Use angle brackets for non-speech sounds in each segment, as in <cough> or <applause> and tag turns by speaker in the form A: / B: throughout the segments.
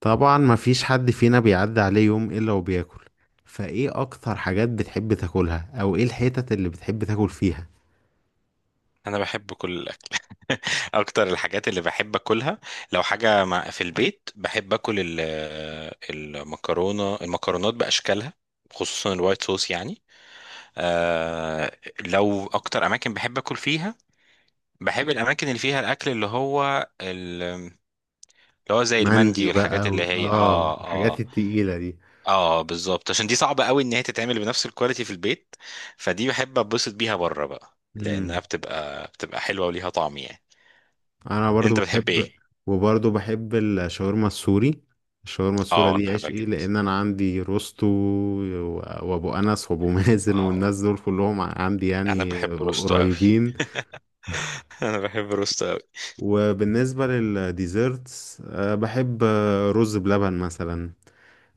A: طبعا، مفيش حد فينا بيعدي عليه يوم الا وبياكل. فايه اكتر حاجات بتحب تاكلها، او ايه الحتت اللي بتحب تاكل فيها؟
B: انا بحب كل الاكل. <laughs> اكتر الحاجات اللي بحب اكلها، لو حاجه مع في البيت، بحب اكل المكرونه، المكرونات باشكالها، خصوصا الوايت صوص يعني. آه. لو اكتر اماكن بحب اكل فيها، بحب الاماكن اللي فيها الاكل اللي هو اللي هو زي المندي
A: مندي
B: والحاجات
A: بقى و...
B: اللي هي
A: اه
B: اه.
A: الحاجات
B: اه،
A: التقيلة دي.
B: اه بالظبط، عشان دي صعبه قوي ان هي تتعمل بنفس الكواليتي في البيت، فدي بحب اتبسط بيها بره بقى،
A: امم
B: لانها بتبقى حلوه وليها طعم يعني.
A: انا برضو
B: انت بتحب
A: بحب.
B: ايه؟
A: وبرضو بحب الشاورما السوري. الشاورما السوري
B: اه انا
A: دي
B: بحبها
A: عشقي،
B: جدا.
A: لان انا عندي روستو وابو انس وابو <laughs> مازن
B: اه
A: والناس دول كلهم عندي
B: انا
A: يعني
B: بحب روستو قوي.
A: قريبين.
B: <laughs> انا بحب روستو قوي.
A: وبالنسبة للديزرتس، بحب رز بلبن مثلا.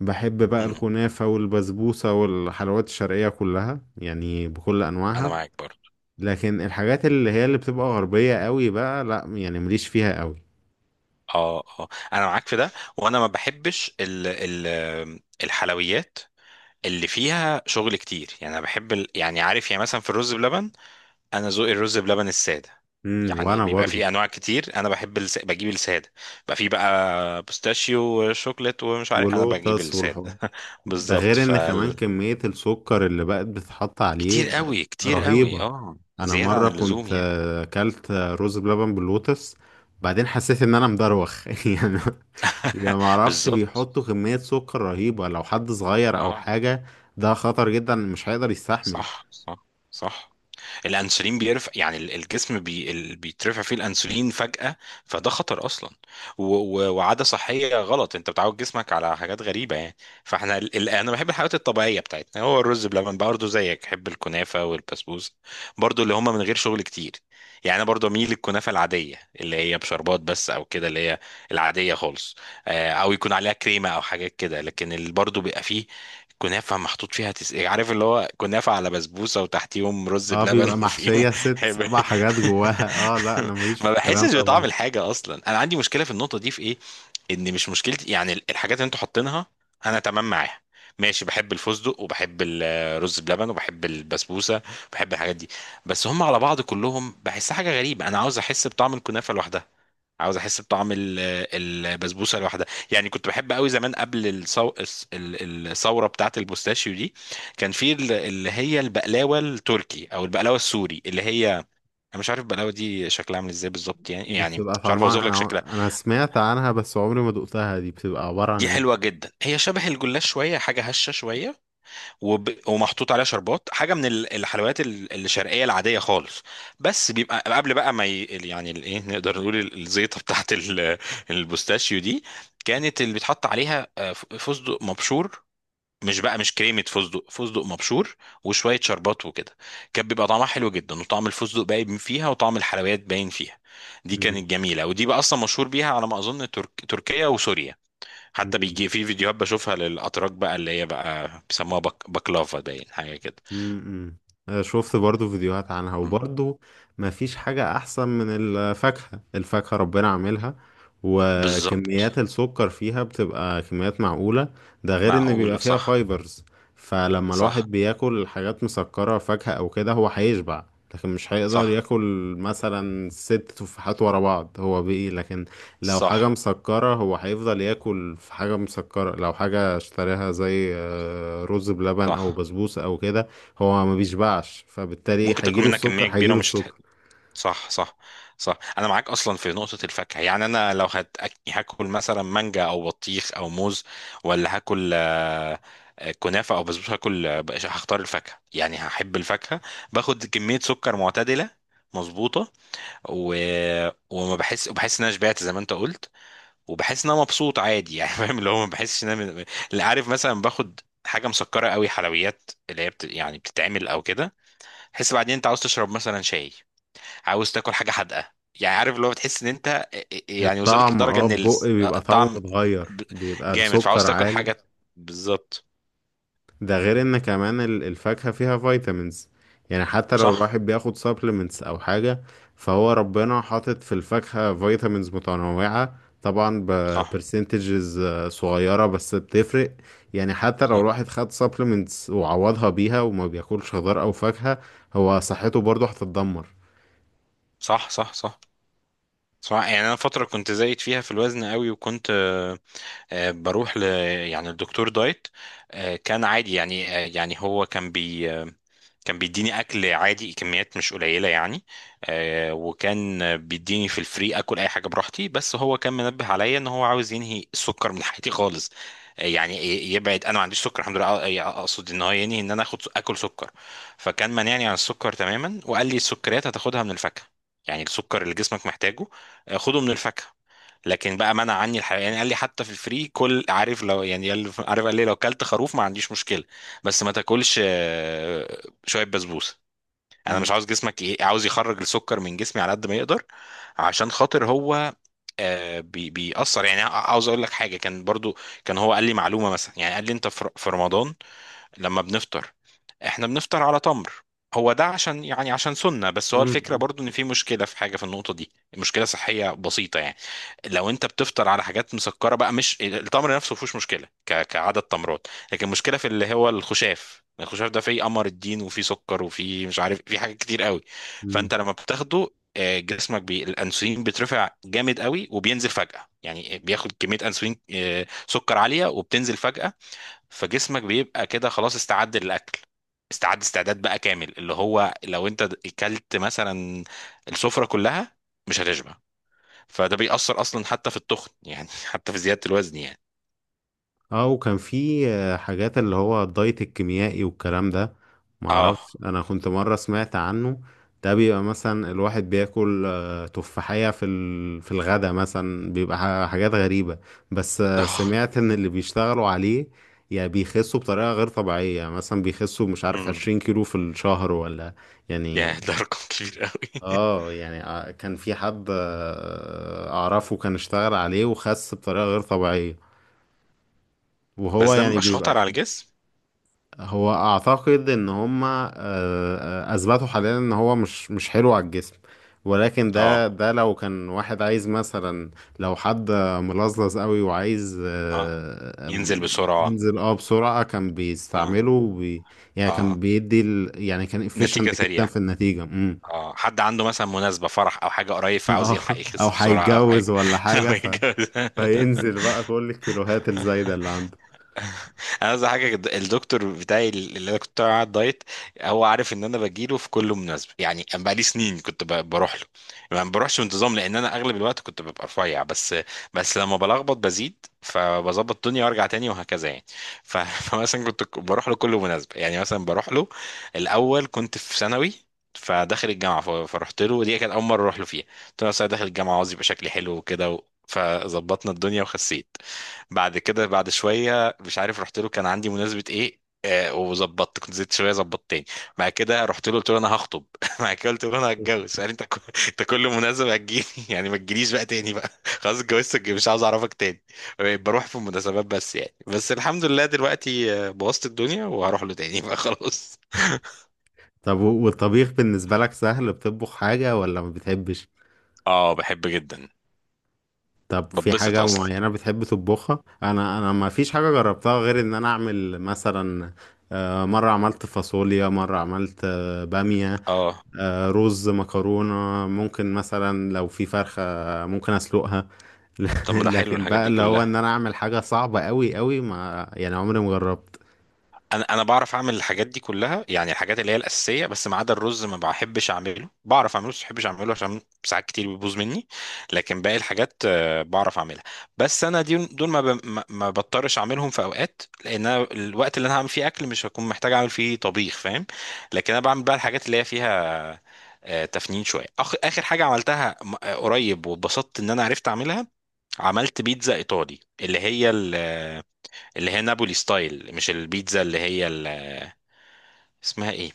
A: بحب بقى
B: مم.
A: الكنافة والبسبوسة والحلويات الشرقية كلها يعني بكل
B: انا
A: أنواعها.
B: معاك برضه.
A: لكن الحاجات اللي هي اللي بتبقى غربية قوي بقى، لا يعني، مليش فيها قوي.
B: اه، اه انا معاك في ده. وانا ما بحبش ال الحلويات اللي فيها شغل كتير يعني. انا بحب ال... يعني عارف، يعني مثلا في الرز بلبن، انا ذوقي الرز بلبن الساده.
A: امم.
B: يعني
A: وانا
B: بيبقى
A: برضو.
B: فيه انواع كتير، انا بحب بجيب الساده. بيبقى فيه بقى بوستاشيو وشوكليت ومش عارف، انا بجيب
A: ولوتس والحوار.
B: الساده <laughs>
A: ده
B: بالظبط
A: غير ان كمان
B: فال.
A: كمية السكر اللي بقت بتتحط عليه
B: كتير
A: بقت
B: قوي، كتير قوي،
A: رهيبة.
B: اه
A: انا
B: زياده عن
A: مرة كنت
B: اللزوم يعني.
A: اكلت رز بلبن باللوتس. بعدين حسيت ان انا مدروخ <laughs> يعني. يا ما
B: <laughs>
A: اعرفش،
B: بالظبط.
A: بيحطوا كمية سكر رهيبة لو حد صغير او
B: اه.
A: حاجة. ده خطر جدا، مش هيقدر يستحمل.
B: صح. الانسولين بيرفع يعني الجسم بيترفع فيه الانسولين فجأة، فده خطر اصلا. و- وعادة صحية غلط، انت بتعود جسمك على حاجات غريبة يعني. فاحنا انا بحب الحاجات الطبيعية بتاعتنا، هو الرز بلبن برضه زيك، بحب الكنافة والبسبوسة برضه، اللي هما من غير شغل كتير. يعني انا برضه اميل للكنافة العادية اللي هي بشربات بس او كده، اللي هي العادية خالص. آه، او يكون عليها كريمة او حاجات كده، لكن اللي برضه بيبقى فيه كنافة محطوط فيها عارف اللي هو كنافة على بسبوسة وتحتيهم رز
A: اه،
B: بلبن
A: بيبقى
B: <laughs> وفيهم
A: محشية ست
B: حب-
A: سبع حاجات جواها <laughs> اه، لا، انا ماليش
B: <laughs>
A: في
B: ما
A: الكلام
B: بحسش
A: ده
B: بطعم
A: برضه.
B: الحاجة أصلا. أنا عندي مشكلة في النقطة دي في إيه؟ إن مش مشكلتي يعني، الحاجات اللي أنتوا حاطينها أنا تمام معاها. ماشي، بحب الفستق وبحب الرز بلبن وبحب البسبوسة، بحب الحاجات دي، بس هم على بعض كلهم بحسها حاجة غريبة. أنا عاوز أحس بطعم الكنافة لوحدها، عاوز احس بطعم البسبوسه لوحدها. يعني كنت بحب قوي زمان قبل الثوره بتاعه البوستاشيو دي. كان في اللي هي البقلاوه التركي او البقلاوه السوري، اللي هي انا مش عارف البقلاوه دي شكلها عامل ازاي بالظبط يعني،
A: دي
B: يعني
A: بتبقى
B: مش عارف اوصف
A: طعمها،
B: لك
A: انا
B: شكلها.
A: انا سمعت عنها، بس عمري ما دقتها. دي بتبقى عبارة عن
B: دي
A: ايه؟
B: حلوه جدا، هي شبه الجلاش شويه، حاجه هشه شويه، ومحطوط عليها شربات، حاجه من الحلويات الشرقيه العاديه خالص. بس بيبقى قبل بقى ما يعني ايه نقدر نقول الزيطه <laughs> بتاعت ال... البوستاشيو دي. كانت اللي بيتحط عليها فستق مبشور، مش بقى مش كريمه فستق مبشور وشويه شربات وكده. كان بيبقى طعمها حلو جدا، وطعم الفستق باين فيها، وطعم الحلويات باين فيها. دي
A: مم.
B: كانت جميله، ودي بقى اصلا مشهور بيها على ما اظن تركيا وسوريا. حتى
A: مم.
B: بيجي في فيديوهات بشوفها للأتراك بقى، اللي هي بقى بيسموها بكلافا، باين حاجة كده.
A: امم. شفت برضو فيديوهات عنها،
B: مم.
A: وبرضو ما فيش حاجة أحسن من الفاكهة. الفاكهة ربنا عاملها،
B: بالظبط.
A: وكميات السكر فيها بتبقى كميات معقولة. ده غير إن بيبقى
B: معقولة،
A: فيها
B: صح.
A: فايبرز. فلما
B: صح
A: الواحد بياكل حاجات مسكرة، فاكهة أو كده، هو هيشبع. لكن مش هيقدر
B: صح
A: ياكل مثلا ست تفاحات ورا بعض، هو بإيه. لكن لو حاجة
B: صح
A: مسكرة، هو هيفضل ياكل في حاجة مسكرة. لو حاجة اشتراها زي رز بلبن أو
B: صح.
A: بسبوسة أو كده، هو ما بيشبعش، فبالتالي
B: ممكن تاكل
A: هيجيله
B: منها
A: السكر
B: كمية كبيرة
A: هيجيله
B: ومش هتح...
A: السكر.
B: صح. صح، أنا معاك أصلا في نقطة الفاكهة. يعني أنا لو هت... هاكل مثلا مانجا أو بطيخ أو موز، ولا هاكل كنافة أو بسبوسة، هاكل هختار الفاكهة، يعني هحب الفاكهة، باخد كمية سكر معتدلة، مظبوطة. و... وما بحس وبحس ان انا شبعت زي ما انت قلت، وبحس ان انا مبسوط عادي يعني. <laughs> فاهم اللي هو ما بحسش ان انا اللي عارف مثلا، باخد حاجه مسكره قوي، حلويات اللي هي يعني بتتعمل او كده، تحس بعدين انت عاوز تشرب مثلا شاي، عاوز تاكل حاجه حادقه. يعني عارف اللي هو بتحس ان انت يعني وصلت
A: الطعم،
B: لدرجه ان
A: بيبقى طعمه
B: الطعم
A: متغير،
B: ب-
A: بيبقى
B: جامد، فعاوز
A: السكر
B: تاكل
A: عالي.
B: حاجه. بالظبط.
A: ده غير ان كمان الفاكهة فيها فيتامينز. يعني حتى لو
B: صح
A: الواحد بياخد سبلمنتس او حاجة، فهو ربنا حاطط في الفاكهة فيتامينز متنوعة، طبعا
B: صح
A: ببرسنتجز صغيرة بس بتفرق. يعني حتى لو
B: صح
A: الواحد خد سبلمنتس وعوضها بيها وما بياكلش خضار او فاكهة، هو صحته برضه هتتدمر.
B: صح صح صح صح. يعني انا فتره كنت زايد فيها في الوزن قوي، وكنت بروح ل يعني الدكتور دايت. كان عادي يعني، يعني هو كان بي آه، كان بيديني اكل عادي، كميات مش قليله يعني. وكان بيديني في الفري اكل اي حاجه براحتي، بس هو كان منبه عليا ان هو عاوز ينهي السكر من حياتي خالص. يعني يبعد، انا ما عنديش سكر الحمد لله، اقصد ان هو ينهي ان انا اخد اكل سكر. فكان مانعني عن السكر تماما، وقال لي السكريات هتاخدها من الفاكهه. يعني السكر اللي جسمك محتاجه خده من الفاكهه. لكن بقى منع عني الحيوان يعني. قال لي حتى في الفري، كل عارف لو، يعني عارف قال لي لو كلت خروف ما عنديش مشكله، بس ما تاكلش شويه بسبوسه. انا مش
A: مم.
B: عاوز جسمك ايه، عاوز يخرج السكر من جسمي على قد ما يقدر، عشان خاطر هو بيأثر. يعني عاوز اقول لك حاجه، كان برضو كان هو قال لي معلومه مثلا، يعني قال لي انت في في رمضان لما بنفطر، احنا بنفطر على تمر، هو ده عشان يعني عشان سنة، بس هو الفكرة
A: أظن-
B: برضو ان في مشكلة في حاجة في النقطة دي، مشكلة صحية بسيطة يعني. لو انت بتفطر على حاجات مسكرة بقى، مش التمر نفسه مفيهوش مشكلة كعدد تمرات، لكن المشكلة في اللي هو الخشاف. الخشاف ده فيه قمر الدين وفيه سكر وفيه مش عارف، فيه حاجات كتير قوي.
A: مم.
B: فانت لما بتاخده جسمك بي... الانسولين بيترفع جامد قوي وبينزل فجأة، يعني بياخد كمية انسولين سكر عالية وبتنزل فجأة. فجسمك بيبقى كده خلاص استعد للأكل، استعد استعداد بقى كامل، اللي هو لو انت اكلت مثلا السفرة كلها، مش هتشبع. فده بيأثر اصلا حتى في التخن يعني، <laughs> حتى في زيادة الوزن يعني.
A: اه، وكان في حاجات اللي هو الدايت الكيميائي والكلام ده.
B: اه.
A: معرفش، انا كنت مرة سمعت عنه. ده بيبقى مثلا الواحد بياكل تفاحية في الغدا مثلا، بيبقى حاجات غريبة. بس
B: اه.
A: سمعت ان اللي بيشتغلوا عليه يعني بيخسوا بطريقة غير طبيعية. يعني مثلا بيخسوا، مش عارف،
B: امم.
A: 20 كيلو في الشهر ولا يعني.
B: يا ده رقم كبير قوي. <laughs>
A: اه، يعني كان في حد اعرفه كان اشتغل عليه وخس بطريقة غير طبيعية. وهو
B: بس ده
A: يعني
B: مش خطر
A: بيبقى،
B: على الجسم؟
A: هو اعتقد ان هما اثبتوا حاليا ان هو مش حلو على الجسم. ولكن
B: اه.
A: ده لو كان واحد عايز مثلا، لو حد ملظلظ قوي وعايز
B: اه،
A: آه،
B: ينزل
A: آم،
B: بسرعة.
A: ينزل بسرعة، كان
B: اه.
A: بيستعمله يعني
B: اه،
A: كان يعني كان efficient
B: نتيجة
A: جدا
B: سريعة.
A: في النتيجة.
B: اه، حد عنده مثلا مناسبة فرح او حاجة قريب،
A: <laughs>
B: فعاوز
A: اه،
B: يلحق
A: او
B: يخس بسرعة او حاجة.
A: هيتجوز ولا
B: <laughs> او
A: حاجة ف...
B: يتجوز.
A: فينزل بقى كل الكيلوهات الزايدة اللي عنده.
B: انا عايز حاجه كده، الدكتور بتاعي اللي انا كنت طالع على الدايت، هو عارف ان انا بجيله في كل مناسبه. يعني أنا بقالي سنين كنت بروح له، ما بروحش بانتظام لان انا اغلب الوقت كنت ببقى رفيع، بس بس لما بلخبط بزيد فبظبط الدنيا وارجع تاني وهكذا يعني. ف- <laughs> فمثلا كنت بروح له كل مناسبه. يعني مثلا بروح له، الاول كنت في ثانوي فداخل الجامعه، فرحت له ودي كانت اول مره اروح له فيها. قلت له أصل أنا داخل الجامعه، عاوز يبقى شكلي حلو وكده و- فظبطنا الدنيا وخسيت. بعد كده بعد شويه مش عارف رحت له، كان عندي مناسبه ايه آه، وظبطت كنت زدت شويه، ظبطت تاني. بعد كده رحت له قلت له انا هخطب، <laughs> بعد كده قلت له انا هتجوز، قال لي انت كل مناسبه هتجيلي. <laughs> يعني ما تجيليش بقى تاني بقى، <laughs> خلاص اتجوزتك مش عاوز اعرفك تاني. بقيت بروح في المناسبات بس يعني، بس الحمد لله دلوقتي بوظت الدنيا وهروح له تاني بقى خلاص. <laughs>
A: طب، والطبيخ بالنسبة لك سهل؟ بتطبخ حاجة ولا ما بتحبش؟
B: اه بحب جدا،
A: طب في
B: ببسط
A: حاجة
B: اصلا.
A: معينة بتحب تطبخها؟ أنا ما فيش حاجة جربتها غير إن أنا أعمل مثلا مرة عملت فاصوليا، مرة عملت بامية،
B: اه،
A: رز، مكرونة. ممكن مثلا لو في فرخة، ممكن أسلقها. <laughs>
B: طب ما ده حلو
A: لكن
B: الحاجات
A: بقى
B: دي
A: اللي هو
B: كلها.
A: إن أنا أعمل حاجة صعبة أوي أوي، ما يعني، عمري ما جربت.
B: انا انا بعرف اعمل الحاجات دي كلها، يعني الحاجات اللي هي الاساسيه، بس ما عدا الرز ما بحبش اعمله، بعرف اعمله بس ما بحبش اعمله عشان ساعات كتير بيبوظ مني. لكن باقي الحاجات بعرف اعملها. بس انا دي دول ما ب- ما ما بضطرش اعملهم في اوقات، لان أنا الوقت اللي انا هعمل فيه اكل مش هكون محتاج اعمل فيه طبيخ فاهم. لكن انا بعمل بقى الحاجات اللي هي فيها تفنين شويه. اخر حاجه عملتها قريب، واتبسطت ان انا عرفت اعملها، عملت بيتزا ايطالي اللي هي اللي هي نابولي ستايل، مش البيتزا اللي هي اسمها ايه،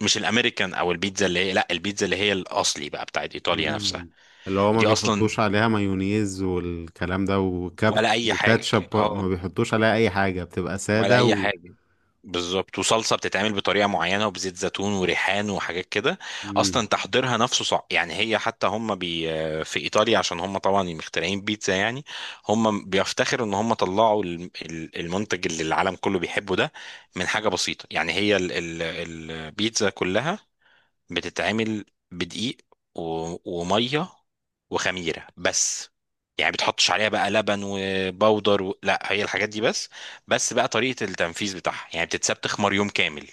B: مش الامريكان او البيتزا اللي هي، لا، البيتزا اللي هي الاصلي بقى بتاعت ايطاليا نفسها.
A: مم. اللي هو ما
B: دي اصلا
A: بيحطوش عليها مايونيز والكلام ده وكابت
B: ولا اي حاجه،
A: وكاتشب،
B: اه
A: ما بيحطوش عليها أي حاجة، بتبقى
B: ولا
A: سادة
B: اي
A: و...
B: حاجه، بالظبط. وصلصه بتتعمل بطريقه معينه وبزيت زيتون وريحان وحاجات كده.
A: مم.
B: اصلا تحضيرها نفسه صعب يعني. هي حتى هم بي في ايطاليا، عشان هم طبعا مخترعين بيتزا يعني، هم بيفتخروا ان هم طلعوا المنتج اللي العالم كله بيحبه ده من حاجه بسيطه يعني. هي البيتزا كلها بتتعمل بدقيق و... وميه وخميره بس، يعني بتحطش عليها بقى لبن وبودر و... لا، هي الحاجات دي بس. بس بقى طريقه التنفيذ بتاعها، يعني بتتساب تخمر يوم كامل،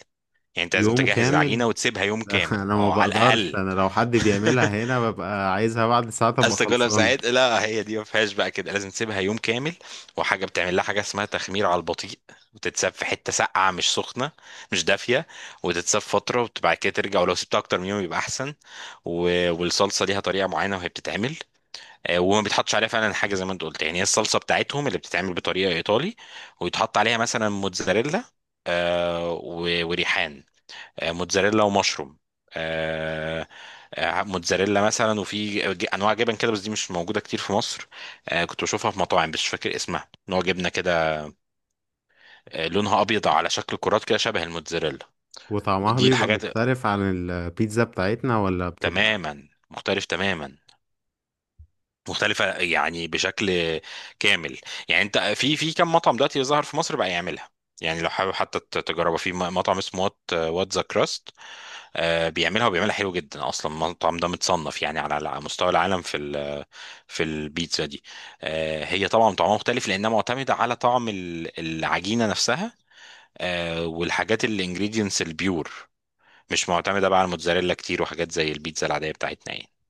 B: يعني انت لازم
A: يوم
B: تجهز
A: كامل؟
B: العجينه وتسيبها يوم
A: <laughs>
B: كامل
A: انا ما
B: اه على
A: بقدرش.
B: الاقل.
A: انا لو حد
B: <laughs>
A: بيعملها هنا، ببقى عايزها بعد ساعة تبقى
B: قصدك كلها
A: خلصانة.
B: ساعات؟ لا، هي دي ما فيهاش بقى كده، لازم تسيبها يوم كامل، وحاجه بتعمل لها حاجه اسمها تخمير على البطيء، وتتساب في حته ساقعه مش سخنه، مش دافيه، وتتساب فتره وبعد كده ترجع، ولو سبتها اكتر من يوم يبقى احسن. و... والصلصه ليها طريقه معينه وهي بتتعمل. وما بيتحطش عليها فعلا حاجه زي ما انت قلت، يعني هي الصلصه بتاعتهم اللي بتتعمل بطريقه ايطالي، ويتحط عليها مثلا موتزاريلا، وريحان، موتزاريلا ومشروم، آه، موتزاريلا مثلا. وفي انواع جبن كده بس دي مش موجوده كتير في مصر، كنت بشوفها في مطاعم بس مش فاكر اسمها، نوع جبنه كده لونها ابيض على شكل كرات كده شبه الموتزاريلا.
A: وطعمها
B: دي
A: بيبقى
B: الحاجات.
A: مختلف عن البيتزا بتاعتنا، ولا بتبقى
B: تماما، مختلف تماما، مختلفه يعني بشكل كامل. يعني انت في في كم مطعم دلوقتي ظهر في مصر بقى يعملها. يعني لو حابب حتى تجربها، في مطعم اسمه وات وات ذا كراست، بيعملها وبيعملها حلو جدا، اصلا المطعم ده متصنف يعني على على مستوى العالم في ال في البيتزا دي. هي طبعا طعمها مختلف لانها معتمده على طعم العجينه نفسها والحاجات الانجريدينتس البيور، مش معتمده بقى على الموتزاريلا كتير وحاجات زي البيتزا العاديه بتاعتنا يعني.